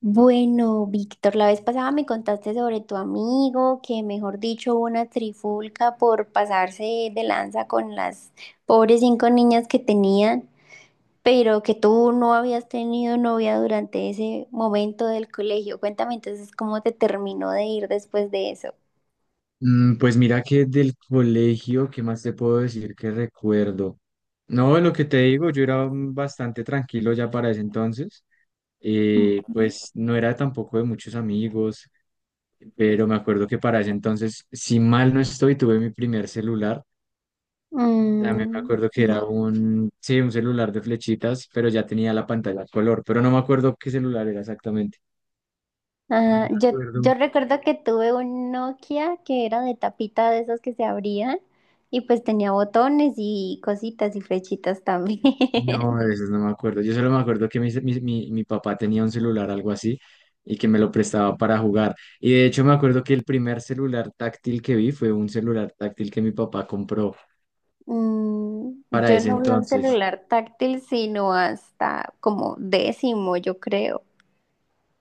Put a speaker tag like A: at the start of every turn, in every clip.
A: Bueno, Víctor, la vez pasada me contaste sobre tu amigo, que mejor dicho, hubo una trifulca por pasarse de lanza con las pobres cinco niñas que tenían, pero que tú no habías tenido novia durante ese momento del colegio. Cuéntame entonces cómo te terminó de ir después de eso.
B: Pues mira que del colegio, ¿qué más te puedo decir que recuerdo? No, lo que te digo, yo era bastante tranquilo ya para ese entonces. Eh,
A: Ujú.
B: pues no era tampoco de muchos amigos, pero me acuerdo que para ese entonces, si mal no estoy, tuve mi primer celular. También me
A: Mm.
B: acuerdo que era un celular de flechitas, pero ya tenía la pantalla a color, pero no me acuerdo qué celular era exactamente. No me
A: Ah, yo
B: acuerdo.
A: recuerdo que tuve un Nokia que era de tapita de esas que se abrían y pues tenía botones y cositas y flechitas también.
B: No, de esos no me acuerdo. Yo solo me acuerdo que mi papá tenía un celular, algo así, y que me lo prestaba para jugar. Y de hecho me acuerdo que el primer celular táctil que vi fue un celular táctil que mi papá compró
A: Mm,
B: para
A: yo
B: ese
A: no usé un
B: entonces.
A: celular táctil sino hasta como décimo, yo creo.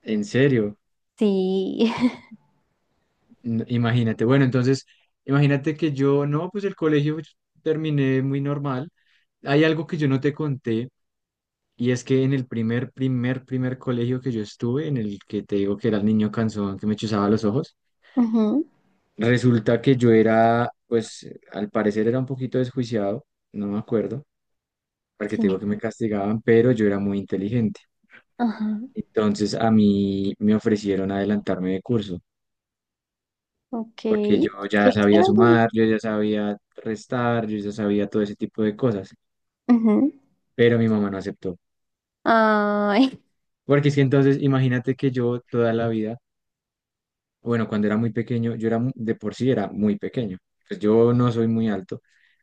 B: En serio,
A: Sí.
B: Imagínate. Bueno, entonces, imagínate que yo, no, pues el colegio yo terminé muy normal. Hay algo que yo no te conté, y es que en el primer colegio que yo estuve, en el que te digo que era el niño cansón que me chuzaba los ojos.
A: Ujú,
B: Resulta que yo era, pues, al parecer era un poquito desjuiciado, no me acuerdo, porque
A: sí.
B: te digo que me castigaban, pero yo era muy inteligente.
A: Ajá.
B: Entonces a mí me ofrecieron adelantarme de curso,
A: Ok.
B: porque yo ya
A: Qué
B: sabía
A: chévere.
B: sumar, yo ya sabía restar, yo ya sabía todo ese tipo de cosas,
A: Ujú.
B: pero mi mamá no aceptó.
A: Ay.
B: Porque es que entonces imagínate que yo toda la vida, bueno, cuando era muy pequeño, yo era de por sí era muy pequeño, pues yo no soy muy alto,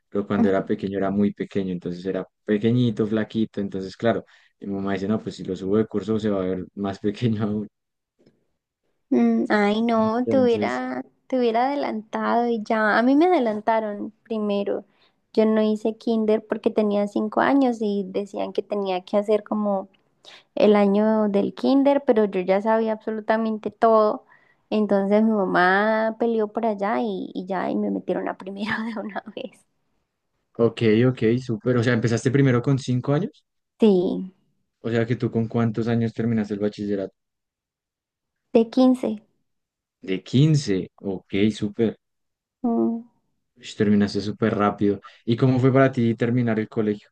B: pero cuando era pequeño era muy pequeño, entonces era pequeñito, flaquito, entonces claro, mi mamá dice, no, pues si lo subo de curso se va a ver más pequeño aún.
A: Mm, ay, no, te
B: Entonces,
A: hubiera, te hubiera adelantado y ya. A mí me adelantaron primero. Yo no hice kinder porque tenía 5 años y decían que tenía que hacer como el año del kinder, pero yo ya sabía absolutamente todo. Entonces mi mamá peleó por allá y ya, y me metieron a primero de una vez.
B: ok, ok, súper, o sea, empezaste primero con 5 años,
A: Sí,
B: ¿o sea que tú con cuántos años terminaste el bachillerato?
A: de 15.
B: De 15, ok, súper.
A: Mm.
B: Ush, terminaste súper rápido. ¿Y cómo fue para ti terminar el colegio?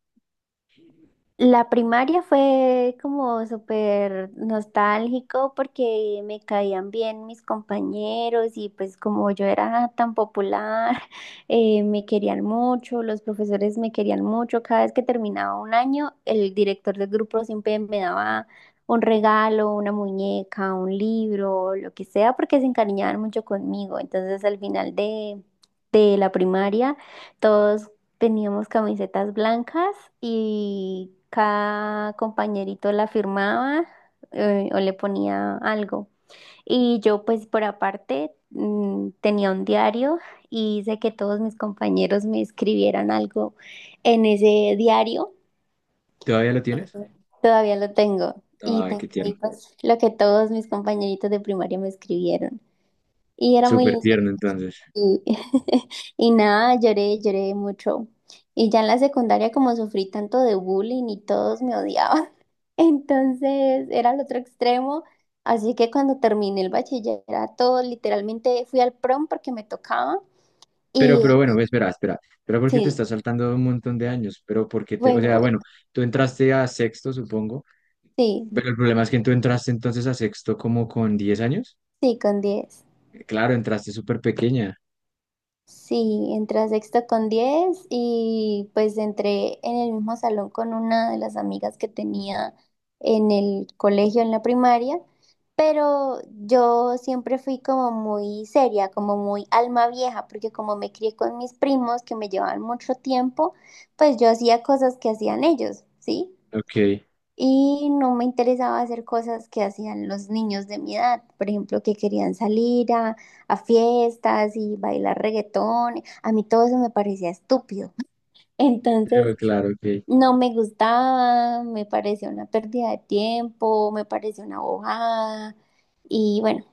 A: La primaria fue como súper nostálgico porque me caían bien mis compañeros y pues como yo era tan popular, me querían mucho, los profesores me querían mucho. Cada vez que terminaba un año, el director del grupo siempre me daba un regalo, una muñeca, un libro, lo que sea, porque se encariñaban mucho conmigo. Entonces al final de la primaria. Todos teníamos camisetas blancas y cada compañerito la firmaba o le ponía algo. Y yo pues por aparte tenía un diario y hice que todos mis compañeros me escribieran algo en ese diario.
B: ¿Todavía lo tienes?
A: Todavía lo tengo. Y
B: Ay,
A: tengo
B: qué
A: ahí
B: tierno,
A: pues lo que todos mis compañeritos de primaria me escribieron. Y era muy
B: súper
A: lindo.
B: tierno entonces.
A: Y y nada, lloré, lloré mucho. Y ya en la secundaria, como sufrí tanto de bullying y todos me odiaban, entonces era el otro extremo. Así que cuando terminé el bachillerato, literalmente fui al prom porque me tocaba. Y
B: Pero bueno, espera, espera, espera porque te
A: sí,
B: estás saltando un montón de años, pero porque te, o
A: bueno,
B: sea,
A: bueno,
B: bueno, tú entraste a sexto, supongo,
A: sí,
B: pero el problema es que tú entraste entonces a sexto como con 10 años.
A: sí, con 10.
B: Claro, entraste súper pequeña.
A: Sí, entré a sexto con 10 y pues entré en el mismo salón con una de las amigas que tenía en el colegio, en la primaria, pero yo siempre fui como muy seria, como muy alma vieja, porque como me crié con mis primos que me llevaban mucho tiempo, pues yo hacía cosas que hacían ellos, ¿sí?
B: Ok,
A: Y no me interesaba hacer cosas que hacían los niños de mi edad, por ejemplo, que querían salir a fiestas y bailar reggaetón. A mí todo eso me parecía estúpido. Entonces,
B: claro, ok.
A: no me gustaba, me parecía una pérdida de tiempo, me parecía una bojada. Y bueno,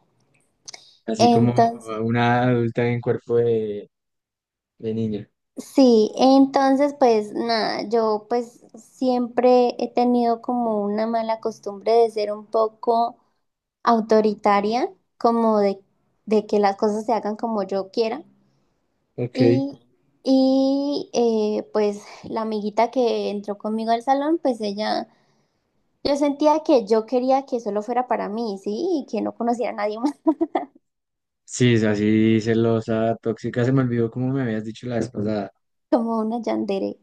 B: Así como
A: entonces,
B: una adulta en cuerpo de niña.
A: sí, entonces pues nada, yo pues siempre he tenido como una mala costumbre de ser un poco autoritaria, como de que las cosas se hagan como yo quiera.
B: Ok.
A: Y, pues la amiguita que entró conmigo al salón, pues ella, yo sentía que yo quería que solo fuera para mí, ¿sí? Y que no conociera a nadie más.
B: Sí, es así celosa, tóxica, se me olvidó como me habías dicho la vez pasada.
A: Como una yandere.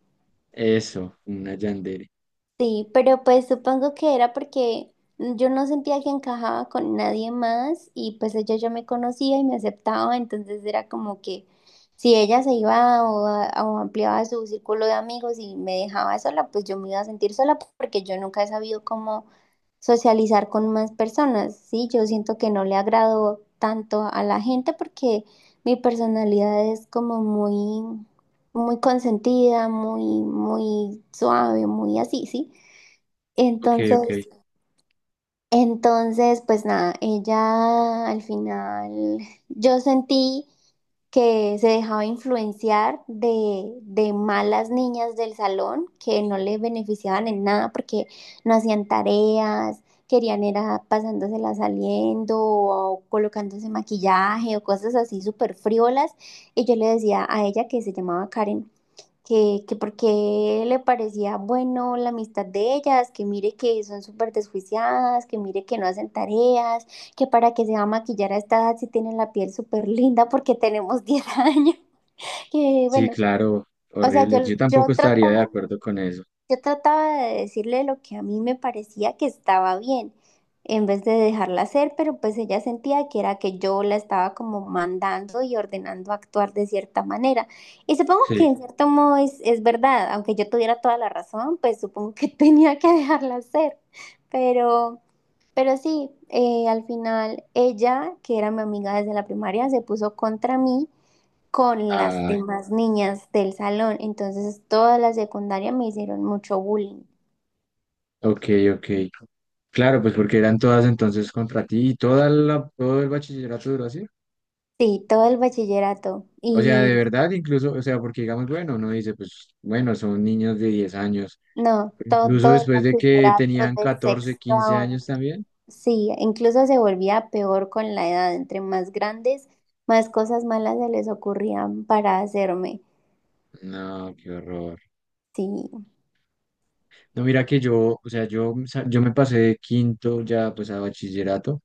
B: Eso, una yandere.
A: Sí, pero pues supongo que era porque yo no sentía que encajaba con nadie más y pues ella ya me conocía y me aceptaba, entonces era como que si ella se iba o, o ampliaba su círculo de amigos y me dejaba sola, pues yo me iba a sentir sola porque yo nunca he sabido cómo socializar con más personas, ¿sí? Yo siento que no le agrado tanto a la gente porque mi personalidad es como muy, muy consentida, muy, muy suave, muy así, ¿sí?
B: Ok,
A: Entonces,
B: ok.
A: entonces, pues nada, ella al final, yo sentí que se dejaba influenciar de malas niñas del salón que no le beneficiaban en nada porque no hacían tareas, querían era pasándosela saliendo o colocándose maquillaje o cosas así súper friolas. Y yo le decía a ella que se llamaba Karen que porque le parecía bueno la amistad de ellas, que mire que son súper desjuiciadas, que mire que no hacen tareas, que para que se va a maquillar a esta edad si tienen la piel súper linda porque tenemos 10 años, que
B: Sí,
A: bueno,
B: claro,
A: o sea,
B: horrible. Yo tampoco
A: yo
B: estaría de
A: trataba.
B: acuerdo con eso.
A: Yo trataba de decirle lo que a mí me parecía que estaba bien, en vez de dejarla hacer, pero pues ella sentía que era que yo la estaba como mandando y ordenando actuar de cierta manera. Y supongo que
B: Sí.
A: en cierto modo es verdad, aunque yo tuviera toda la razón, pues supongo que tenía que dejarla hacer. Pero, pero sí, al final ella, que era mi amiga desde la primaria, se puso contra mí con las
B: Ah,
A: demás niñas del salón. Entonces, toda la secundaria me hicieron mucho bullying.
B: ok, ok. Claro, pues porque eran todas entonces contra ti y toda la, todo el bachillerato duró así.
A: Sí, todo el bachillerato.
B: O sea, de
A: Y
B: verdad, incluso, o sea, porque digamos, bueno, uno dice, pues bueno, son niños de 10 años,
A: no,
B: pero incluso
A: todo el
B: después de que
A: bachillerato
B: tenían
A: de
B: 14
A: sexto
B: 15
A: a once.
B: años también.
A: Sí, incluso se volvía peor con la edad. Entre más grandes, más cosas malas se les ocurrían para hacerme.
B: No, qué horror.
A: Sí.
B: No, mira que yo, o sea, yo, yo me pasé de quinto ya pues a bachillerato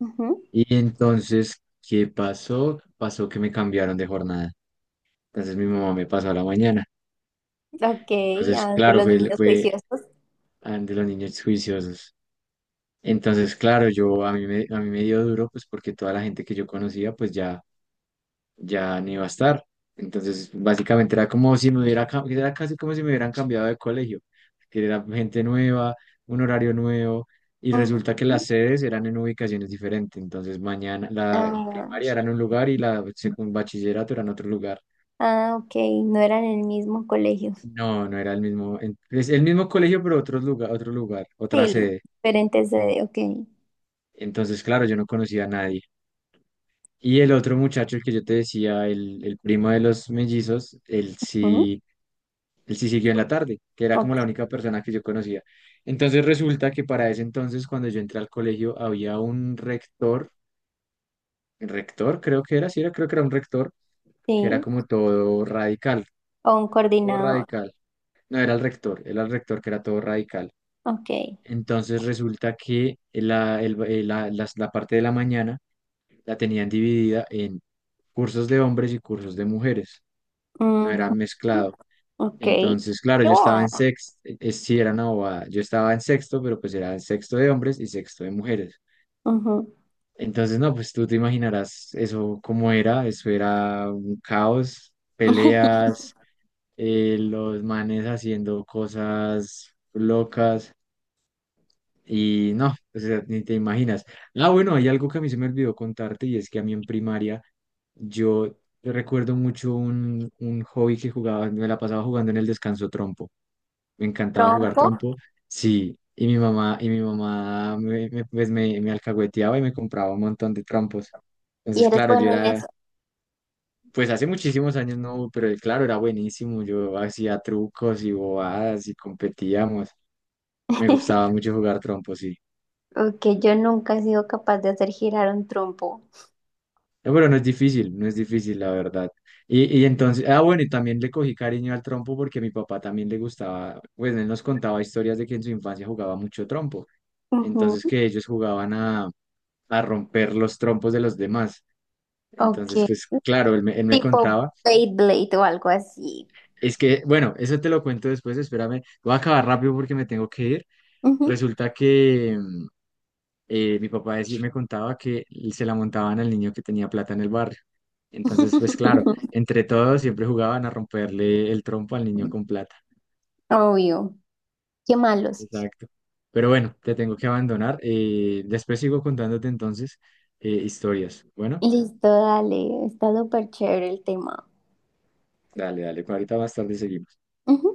A: Ujú.
B: y entonces, ¿qué pasó? Pasó que me cambiaron de jornada. Entonces mi mamá me pasó a la mañana.
A: Ok,
B: Entonces,
A: ah, de
B: claro,
A: los
B: fue,
A: niños
B: fue
A: juiciosos.
B: ah, de los niños juiciosos. Entonces, claro, yo a mí me dio duro, pues porque toda la gente que yo conocía, pues ya, ya no iba a estar. Entonces, básicamente era como si me hubiera, era casi como si me hubieran cambiado de colegio, que era gente nueva, un horario nuevo, y
A: Ujú.
B: resulta que las sedes eran en ubicaciones diferentes. Entonces, mañana la
A: Ah,
B: primaria era en un lugar y la secund bachillerato era en otro lugar.
A: ah, ok, no eran en el mismo colegio.
B: No, no era el mismo, es el mismo colegio, pero otro lugar, otra
A: Sí,
B: sede.
A: diferentes de, ok.
B: Entonces, claro, yo no conocía a nadie. Y el otro muchacho, el que yo te decía, el primo de los mellizos,
A: Ujú,
B: él sí siguió en la tarde, que era como la
A: ok,
B: única persona que yo conocía. Entonces resulta que para ese entonces, cuando yo entré al colegio, había un rector, rector creo que era, sí era, creo que era un rector, que era
A: sí.
B: como todo radical,
A: O un
B: todo
A: coordinador.
B: radical. No, era el rector que era todo radical.
A: Ok.
B: Entonces resulta que la parte de la mañana la tenían dividida en cursos de hombres y cursos de mujeres. No era
A: Ujú.
B: mezclado.
A: Ok.
B: Entonces, claro,
A: Qué
B: yo estaba en
A: bobada.
B: sexto, sí era una bobada, yo estaba en sexto, pero pues era en sexto de hombres y sexto de mujeres.
A: Ujú.
B: Entonces, no, pues tú te imaginarás eso cómo era, eso era un caos, peleas, los manes haciendo cosas locas y no, o sea, ni te imaginas. Ah, bueno, hay algo que a mí se me olvidó contarte y es que a mí en primaria yo recuerdo mucho un hobby que jugaba, me la pasaba jugando en el descanso trompo. Me encantaba jugar
A: Trompo.
B: trompo, sí, y mi mamá pues me alcahueteaba y me compraba un montón de trompos.
A: Y
B: Entonces,
A: eres
B: claro, yo
A: bueno en
B: era,
A: eso.
B: pues hace muchísimos años no, pero claro, era buenísimo, yo hacía trucos y bobadas y competíamos, me gustaba mucho jugar trompo, sí.
A: Ok, yo nunca he sido capaz de hacer girar un trompo.
B: No, pero no es difícil, no es difícil, la verdad. Y entonces, ah, bueno, y también le cogí cariño al trompo porque a mi papá también le gustaba, pues él nos contaba historias de que en su infancia jugaba mucho trompo. Entonces
A: Ujú,
B: que ellos jugaban a romper los trompos de los demás.
A: ok.
B: Entonces, pues claro, él me
A: Tipo
B: contaba.
A: Beyblade o algo así.
B: Es que, bueno, eso te lo cuento después, espérame. Voy a acabar rápido porque me tengo que ir.
A: Ujú.
B: Resulta que mi papá me contaba que se la montaban al niño que tenía plata en el barrio. Entonces, pues claro, entre todos siempre jugaban a romperle el trompo al niño con plata.
A: Obvio. Qué malos.
B: Exacto. Pero bueno, te tengo que abandonar. Después sigo contándote entonces historias. Bueno,
A: Listo, dale. Está súper chévere el tema.
B: dale, dale. Ahorita más tarde seguimos.
A: Ujú.